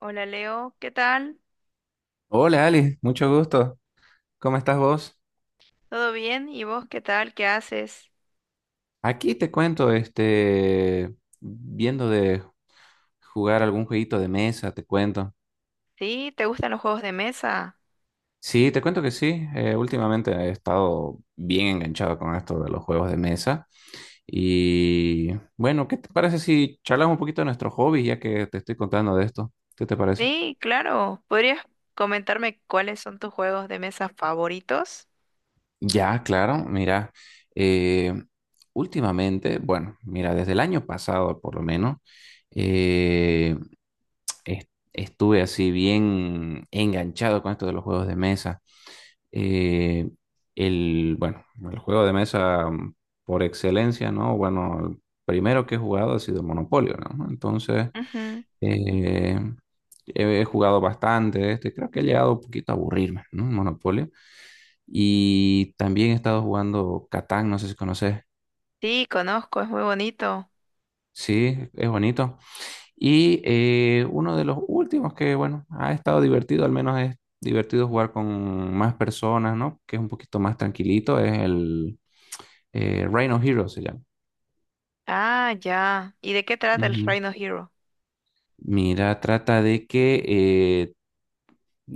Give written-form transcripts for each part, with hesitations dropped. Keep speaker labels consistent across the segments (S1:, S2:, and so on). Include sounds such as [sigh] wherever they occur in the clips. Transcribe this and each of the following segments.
S1: Hola Leo, ¿qué tal?
S2: Hola Ali, mucho gusto. ¿Cómo estás vos?
S1: ¿Todo bien? ¿Y vos qué tal? ¿Qué haces?
S2: Aquí te cuento, este, viendo de jugar algún jueguito de mesa, te cuento.
S1: ¿Sí? ¿Te gustan los juegos de mesa?
S2: Sí, te cuento que sí. Últimamente he estado bien enganchado con esto de los juegos de mesa. Y bueno, ¿qué te parece si charlamos un poquito de nuestros hobbies, ya que te estoy contando de esto? ¿Qué te parece?
S1: Sí, claro. ¿Podrías comentarme cuáles son tus juegos de mesa favoritos?
S2: Ya, claro, mira, eh, últimamente, bueno, mira, desde el año pasado por lo menos, eh, estuve así bien enganchado con esto de los juegos de mesa. Eh, bueno, el juego de mesa por excelencia, ¿no? Bueno, el primero que he jugado ha sido el Monopolio, ¿no? Entonces,
S1: Ujú.
S2: eh, he jugado bastante, este, creo que he llegado un poquito a aburrirme, ¿no? El Monopolio. Y también he estado jugando Catán, no sé si conoces.
S1: Sí, conozco, es muy bonito.
S2: Sí, es bonito. Y uno de los últimos que, bueno, ha estado divertido, al menos es divertido jugar con más personas, ¿no? Que es un poquito más tranquilito, es el Rhino Hero se llama.
S1: Ah, ya. ¿Y de qué trata el
S2: Ujú.
S1: Reino Hero?
S2: Mira, trata de que, eh,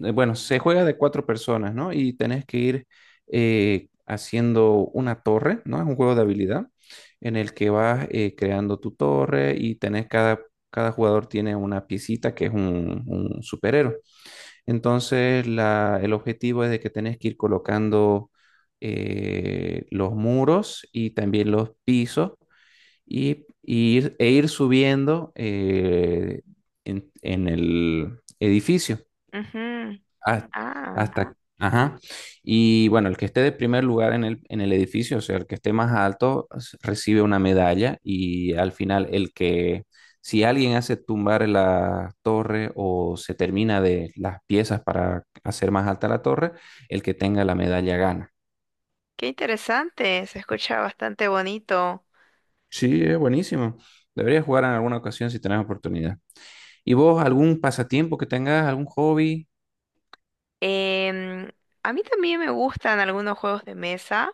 S2: eh, bueno, se juega de cuatro personas, ¿no? Y tenés que ir haciendo una torre, ¿no? Es un juego de habilidad en el que vas creando tu torre y cada jugador tiene una piecita que es un superhéroe. Entonces, el objetivo es de que tenés que ir colocando los muros y también los pisos y ir, e ir subiendo en el edificio.
S1: Ujú.
S2: Has-
S1: Ah,
S2: Hasta, ajá. Y bueno, el que esté de primer lugar en el edificio, o sea, el que esté más alto, recibe una medalla y al final el que, si alguien hace tumbar la torre o se termina de las piezas para hacer más alta la torre, el que tenga la medalla gana.
S1: qué interesante. Se escucha bastante bonito.
S2: Sí, es buenísimo. Deberías jugar en alguna ocasión si tenés oportunidad. ¿Y vos algún pasatiempo que tengas, algún hobby?
S1: Em, a mí también me gustan algunos juegos de mesa.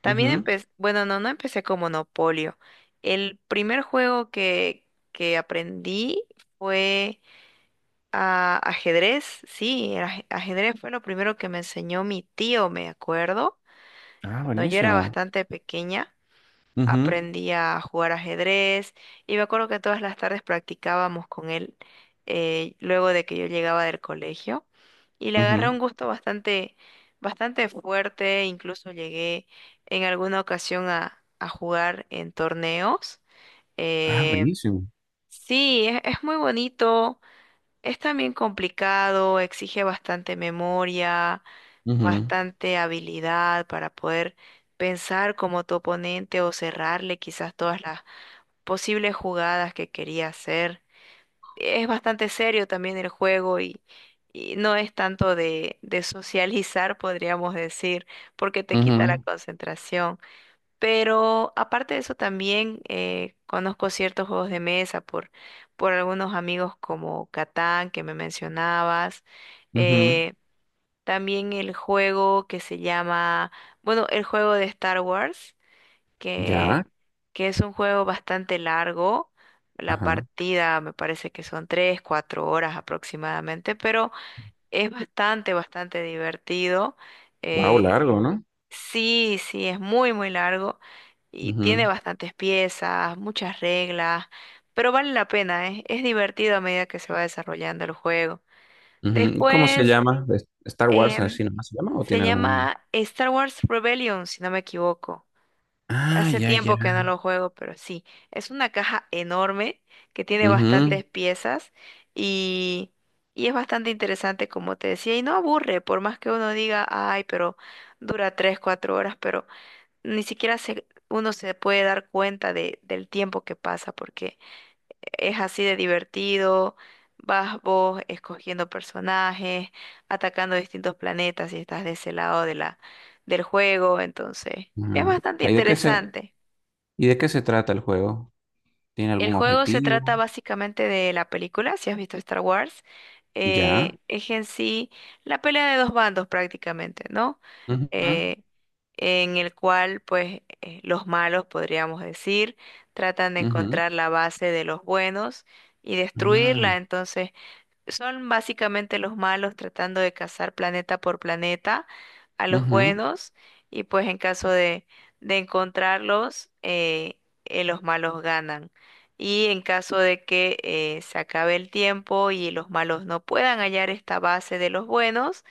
S1: También
S2: Ujú.
S1: empecé, bueno, no empecé con Monopolio. El primer juego que aprendí fue ajedrez. Sí, el ajedrez fue lo primero que me enseñó mi tío, me acuerdo,
S2: Ah,
S1: cuando yo era
S2: buenísimo.
S1: bastante pequeña
S2: Ujú,
S1: aprendí a jugar ajedrez y me acuerdo que todas las tardes practicábamos con él luego de que yo llegaba del colegio y le agarré
S2: ujú.
S1: un gusto bastante, bastante fuerte, incluso llegué en alguna ocasión a jugar en torneos.
S2: Ah,
S1: Eh,
S2: buenísimo.
S1: sí, es muy bonito. Es también complicado, exige bastante memoria,
S2: Ujú,
S1: bastante habilidad para poder pensar como tu oponente o cerrarle quizás todas las posibles jugadas que quería hacer. Es bastante serio también el juego y no es tanto de [laughs] socializar, podríamos decir, porque te quita la
S2: ujú,
S1: concentración. Pero aparte de eso también conozco ciertos juegos de mesa por algunos amigos como Catán que me mencionabas.
S2: ujú.
S1: eh, También el juego que se llama, bueno, el juego de Star Wars, que,
S2: Ya,
S1: que es un juego bastante largo. La
S2: ajá.
S1: partida me parece que son tres, cuatro horas aproximadamente, pero es bastante, bastante divertido.
S2: Wow,
S1: eh,
S2: largo, ¿no?
S1: Sí, sí, es muy, muy largo y tiene
S2: Ujú,
S1: bastantes piezas, muchas reglas, pero vale la pena, ¿eh? Es divertido a medida que se va desarrollando el juego.
S2: ujú. ¿Y ¿Cómo se
S1: Después,
S2: llama? Star Wars
S1: em,
S2: así nomás se llama o
S1: se
S2: tiene algún...?
S1: llama Star Wars Rebellion, si no me equivoco.
S2: Ah,
S1: Hace
S2: ya, ya.
S1: tiempo que no lo juego, pero sí, es una caja enorme que tiene
S2: Ujú,
S1: bastantes piezas y, y es bastante interesante, como te decía, y no aburre, por más que uno diga, ay, pero dura 3, 4 horas, pero ni siquiera se, uno se puede dar cuenta de, del tiempo que pasa, porque es así de divertido, vas vos escogiendo personajes, atacando distintos planetas y estás de ese lado de la, del juego, entonces es
S2: ujú.
S1: bastante
S2: Ah, ¿y de qué se
S1: interesante.
S2: y de qué se trata el juego? ¿Tiene
S1: El
S2: algún
S1: juego se trata
S2: objetivo?
S1: básicamente de la película, si has visto Star Wars.
S2: Ya.
S1: Es en sí la pelea de dos bandos prácticamente, ¿no?
S2: Ujú,
S1: Eh, en el cual, pues, los malos, podríamos decir, tratan de
S2: ujú,
S1: encontrar la base de los buenos y destruirla.
S2: mm,
S1: Entonces, son básicamente los malos tratando de cazar planeta por planeta a los
S2: ujú.
S1: buenos y pues en caso de encontrarlos, los malos ganan. Y en caso de que se acabe el tiempo y los malos no puedan hallar esta base de los buenos,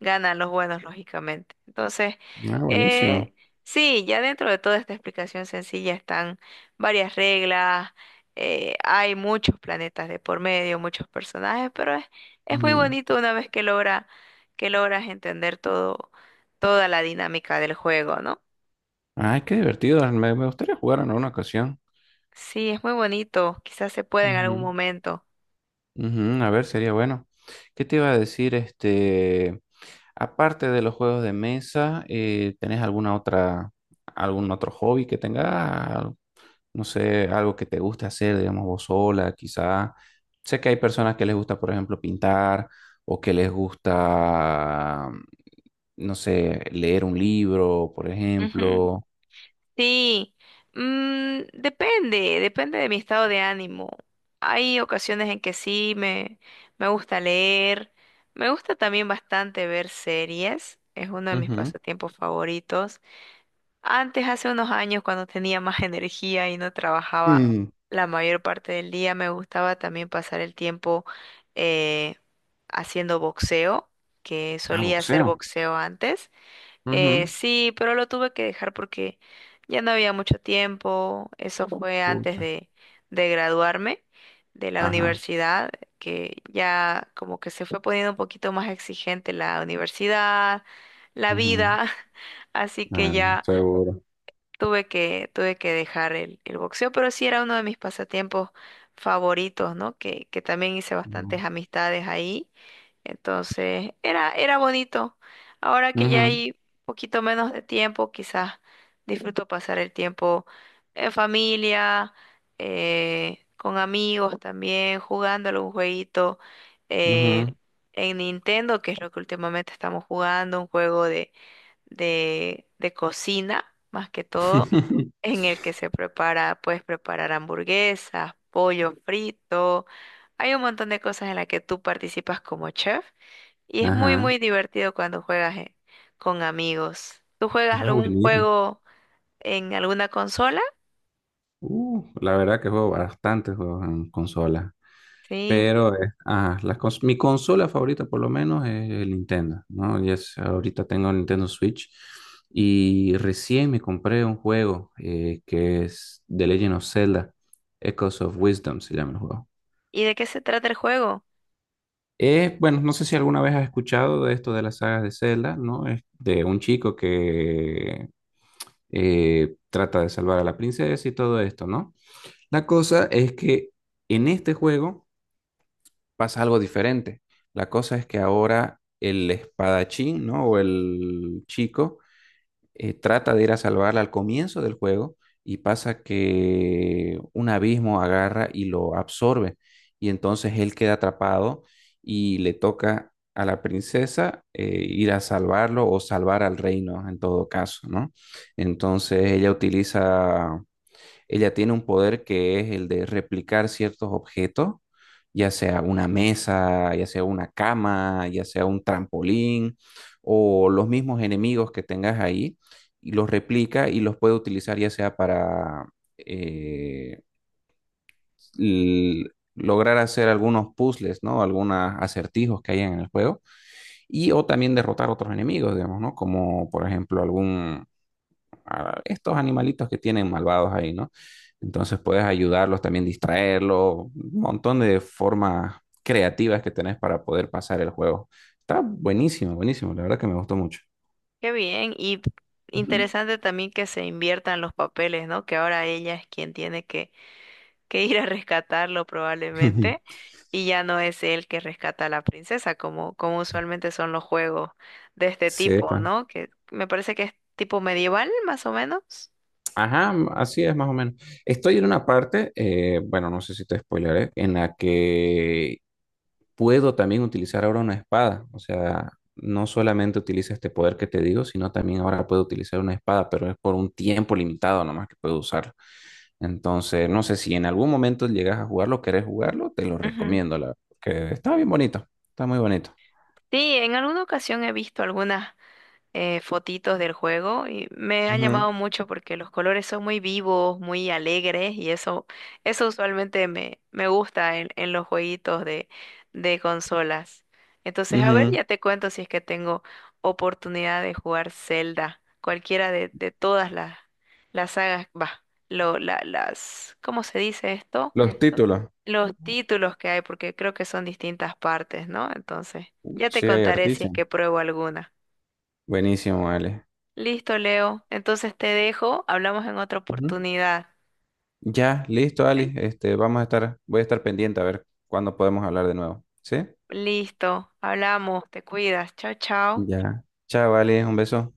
S1: ganan los buenos, lógicamente. Entonces,
S2: Ah, buenísimo.
S1: eh, sí, ya dentro de toda esta explicación sencilla están varias reglas, hay muchos planetas de por medio, muchos personajes, pero es muy
S2: Ujú.
S1: bonito una vez que logra, que logras entender todo, toda la dinámica del juego, ¿no?
S2: Ay, qué divertido. Me gustaría jugar en alguna ocasión.
S1: Sí, es muy bonito, quizás se pueda en algún
S2: Ujú,
S1: momento.
S2: ujú. A ver, sería bueno. ¿Qué te iba a decir? Este... Aparte de los juegos de mesa, ¿tenés alguna otra, algún otro hobby que tengas? No sé, algo que te guste hacer, digamos, vos sola, quizá. Sé que hay personas que les gusta, por ejemplo, pintar o que les gusta, no sé, leer un libro, por
S1: Ujú.
S2: ejemplo.
S1: Sí, mm, depende, depende de mi estado de ánimo. Hay ocasiones en que sí, me gusta leer, me gusta también bastante ver series, es uno de mis
S2: Ujú.
S1: pasatiempos favoritos. Antes, hace unos años, cuando tenía más [laughs] energía y no trabajaba
S2: Mm.
S1: la mayor parte del día, me gustaba también pasar el tiempo eh, haciendo boxeo, que
S2: Ah,
S1: solía hacer
S2: boxeo.
S1: boxeo antes.
S2: Ujú.
S1: Sí, pero lo tuve que dejar porque ya no había mucho tiempo. Eso fue antes
S2: Pucha.
S1: de graduarme de la
S2: Ajá.
S1: universidad, que ya como que se fue poniendo un poquito más exigente la universidad, la
S2: Ujú.
S1: vida. [laughs] Así que
S2: Ah,
S1: ya
S2: seguro.
S1: tuve que dejar el boxeo, pero sí era uno de mis pasatiempos favoritos, ¿no? Que también hice
S2: Ujú.
S1: bastantes amistades ahí. Entonces, era, era bonito. Ahora que ya hay un poquito menos de tiempo, quizás disfruto pasar el tiempo en familia, con amigos también, jugando algún jueguito
S2: Ujú, ujú.
S1: eh, en Nintendo, que es lo que últimamente estamos jugando, un juego de cocina, más que todo,
S2: [laughs]
S1: en el que se prepara, puedes preparar hamburguesas, pollo frito. Hay un montón de cosas en las que tú participas como chef. Y es muy,
S2: Ajá.
S1: muy divertido cuando juegas con amigos. ¿Tú juegas
S2: Ah,
S1: algún
S2: buenísimo.
S1: juego en alguna consola?
S2: La verdad que juego bastantes juegos en consola,
S1: Sí.
S2: pero ajá, mi consola favorita por lo menos es el Nintendo, ¿no? Y es, ahorita tengo el Nintendo Switch y recién me compré un juego que es The Legend of Zelda, Echoes of Wisdom se llama el juego.
S1: ¿Y de qué se trata el juego?
S2: Bueno, no sé si alguna vez has escuchado de esto de las sagas de Zelda, ¿no? Es de un chico que trata de salvar a la princesa y todo esto, ¿no? La cosa es que en este juego pasa algo diferente. La cosa es que ahora el espadachín, ¿no? O el chico trata de ir a salvarla al comienzo del juego y pasa que un abismo agarra y lo absorbe. Y entonces él queda atrapado y le toca a la princesa ir a salvarlo o salvar al reino en todo caso, ¿no? Entonces ella tiene un poder que es el de replicar ciertos objetos, ya sea una mesa, ya sea una cama, ya sea un trampolín o los mismos enemigos que tengas ahí, y los replica y los puede utilizar ya sea para eh, lograr hacer algunos puzzles, ¿no? Algunos acertijos que hay en el juego y o también derrotar otros enemigos, digamos, ¿no? Como por ejemplo algún a estos animalitos que tienen malvados ahí, ¿no? Entonces puedes ayudarlos, también distraerlos, un montón de formas creativas que tenés para poder pasar el juego. Está buenísimo, buenísimo, la verdad que me gustó mucho.
S1: Qué bien. Y
S2: Ujú.
S1: interesante también que se inviertan los papeles, ¿no? Que ahora ella es quien tiene que ir a rescatarlo probablemente.
S2: [laughs]
S1: Y ya no es él que rescata a la princesa, como, como usualmente son los juegos de este tipo,
S2: Sepa.
S1: ¿no? Que me parece que es tipo medieval, más o menos.
S2: Ajá, así es más o menos. Estoy en una parte, bueno, no sé si te spoileré, en la que puedo también utilizar ahora una espada. O sea, no solamente utiliza este poder que te digo, sino también ahora puedo utilizar una espada, pero es por un tiempo limitado nomás que puedo usarlo. Entonces, no sé si en algún momento llegas a jugarlo, querés jugarlo, te lo
S1: Ujú.
S2: recomiendo, que está bien bonito, está muy bonito.
S1: Sí, en alguna ocasión he visto algunas fotitos del juego y me ha
S2: Ujú,
S1: llamado mucho porque los colores son muy vivos, muy alegres y eso usualmente me, me gusta en los jueguitos de consolas. Entonces, a ver,
S2: ujú.
S1: ya te cuento si es que tengo oportunidad de jugar Zelda, cualquiera de todas las sagas, va, lo, las, ¿cómo se dice esto?
S2: Los títulos,
S1: Los títulos que hay, porque creo que son distintas partes, ¿no? Entonces, ya te
S2: sí, hay
S1: contaré si es
S2: artísimo.
S1: que pruebo alguna.
S2: Buenísimo, Ale.
S1: Listo, Leo. Entonces te dejo. Hablamos en otra
S2: Ujú.
S1: oportunidad.
S2: Ya, listo, Ali. Este, vamos a estar, voy a estar pendiente a ver cuándo podemos hablar de nuevo. ¿Sí?
S1: Listo. Hablamos. Te cuidas. Chao, chao.
S2: Ya. Chao, Ale, un beso.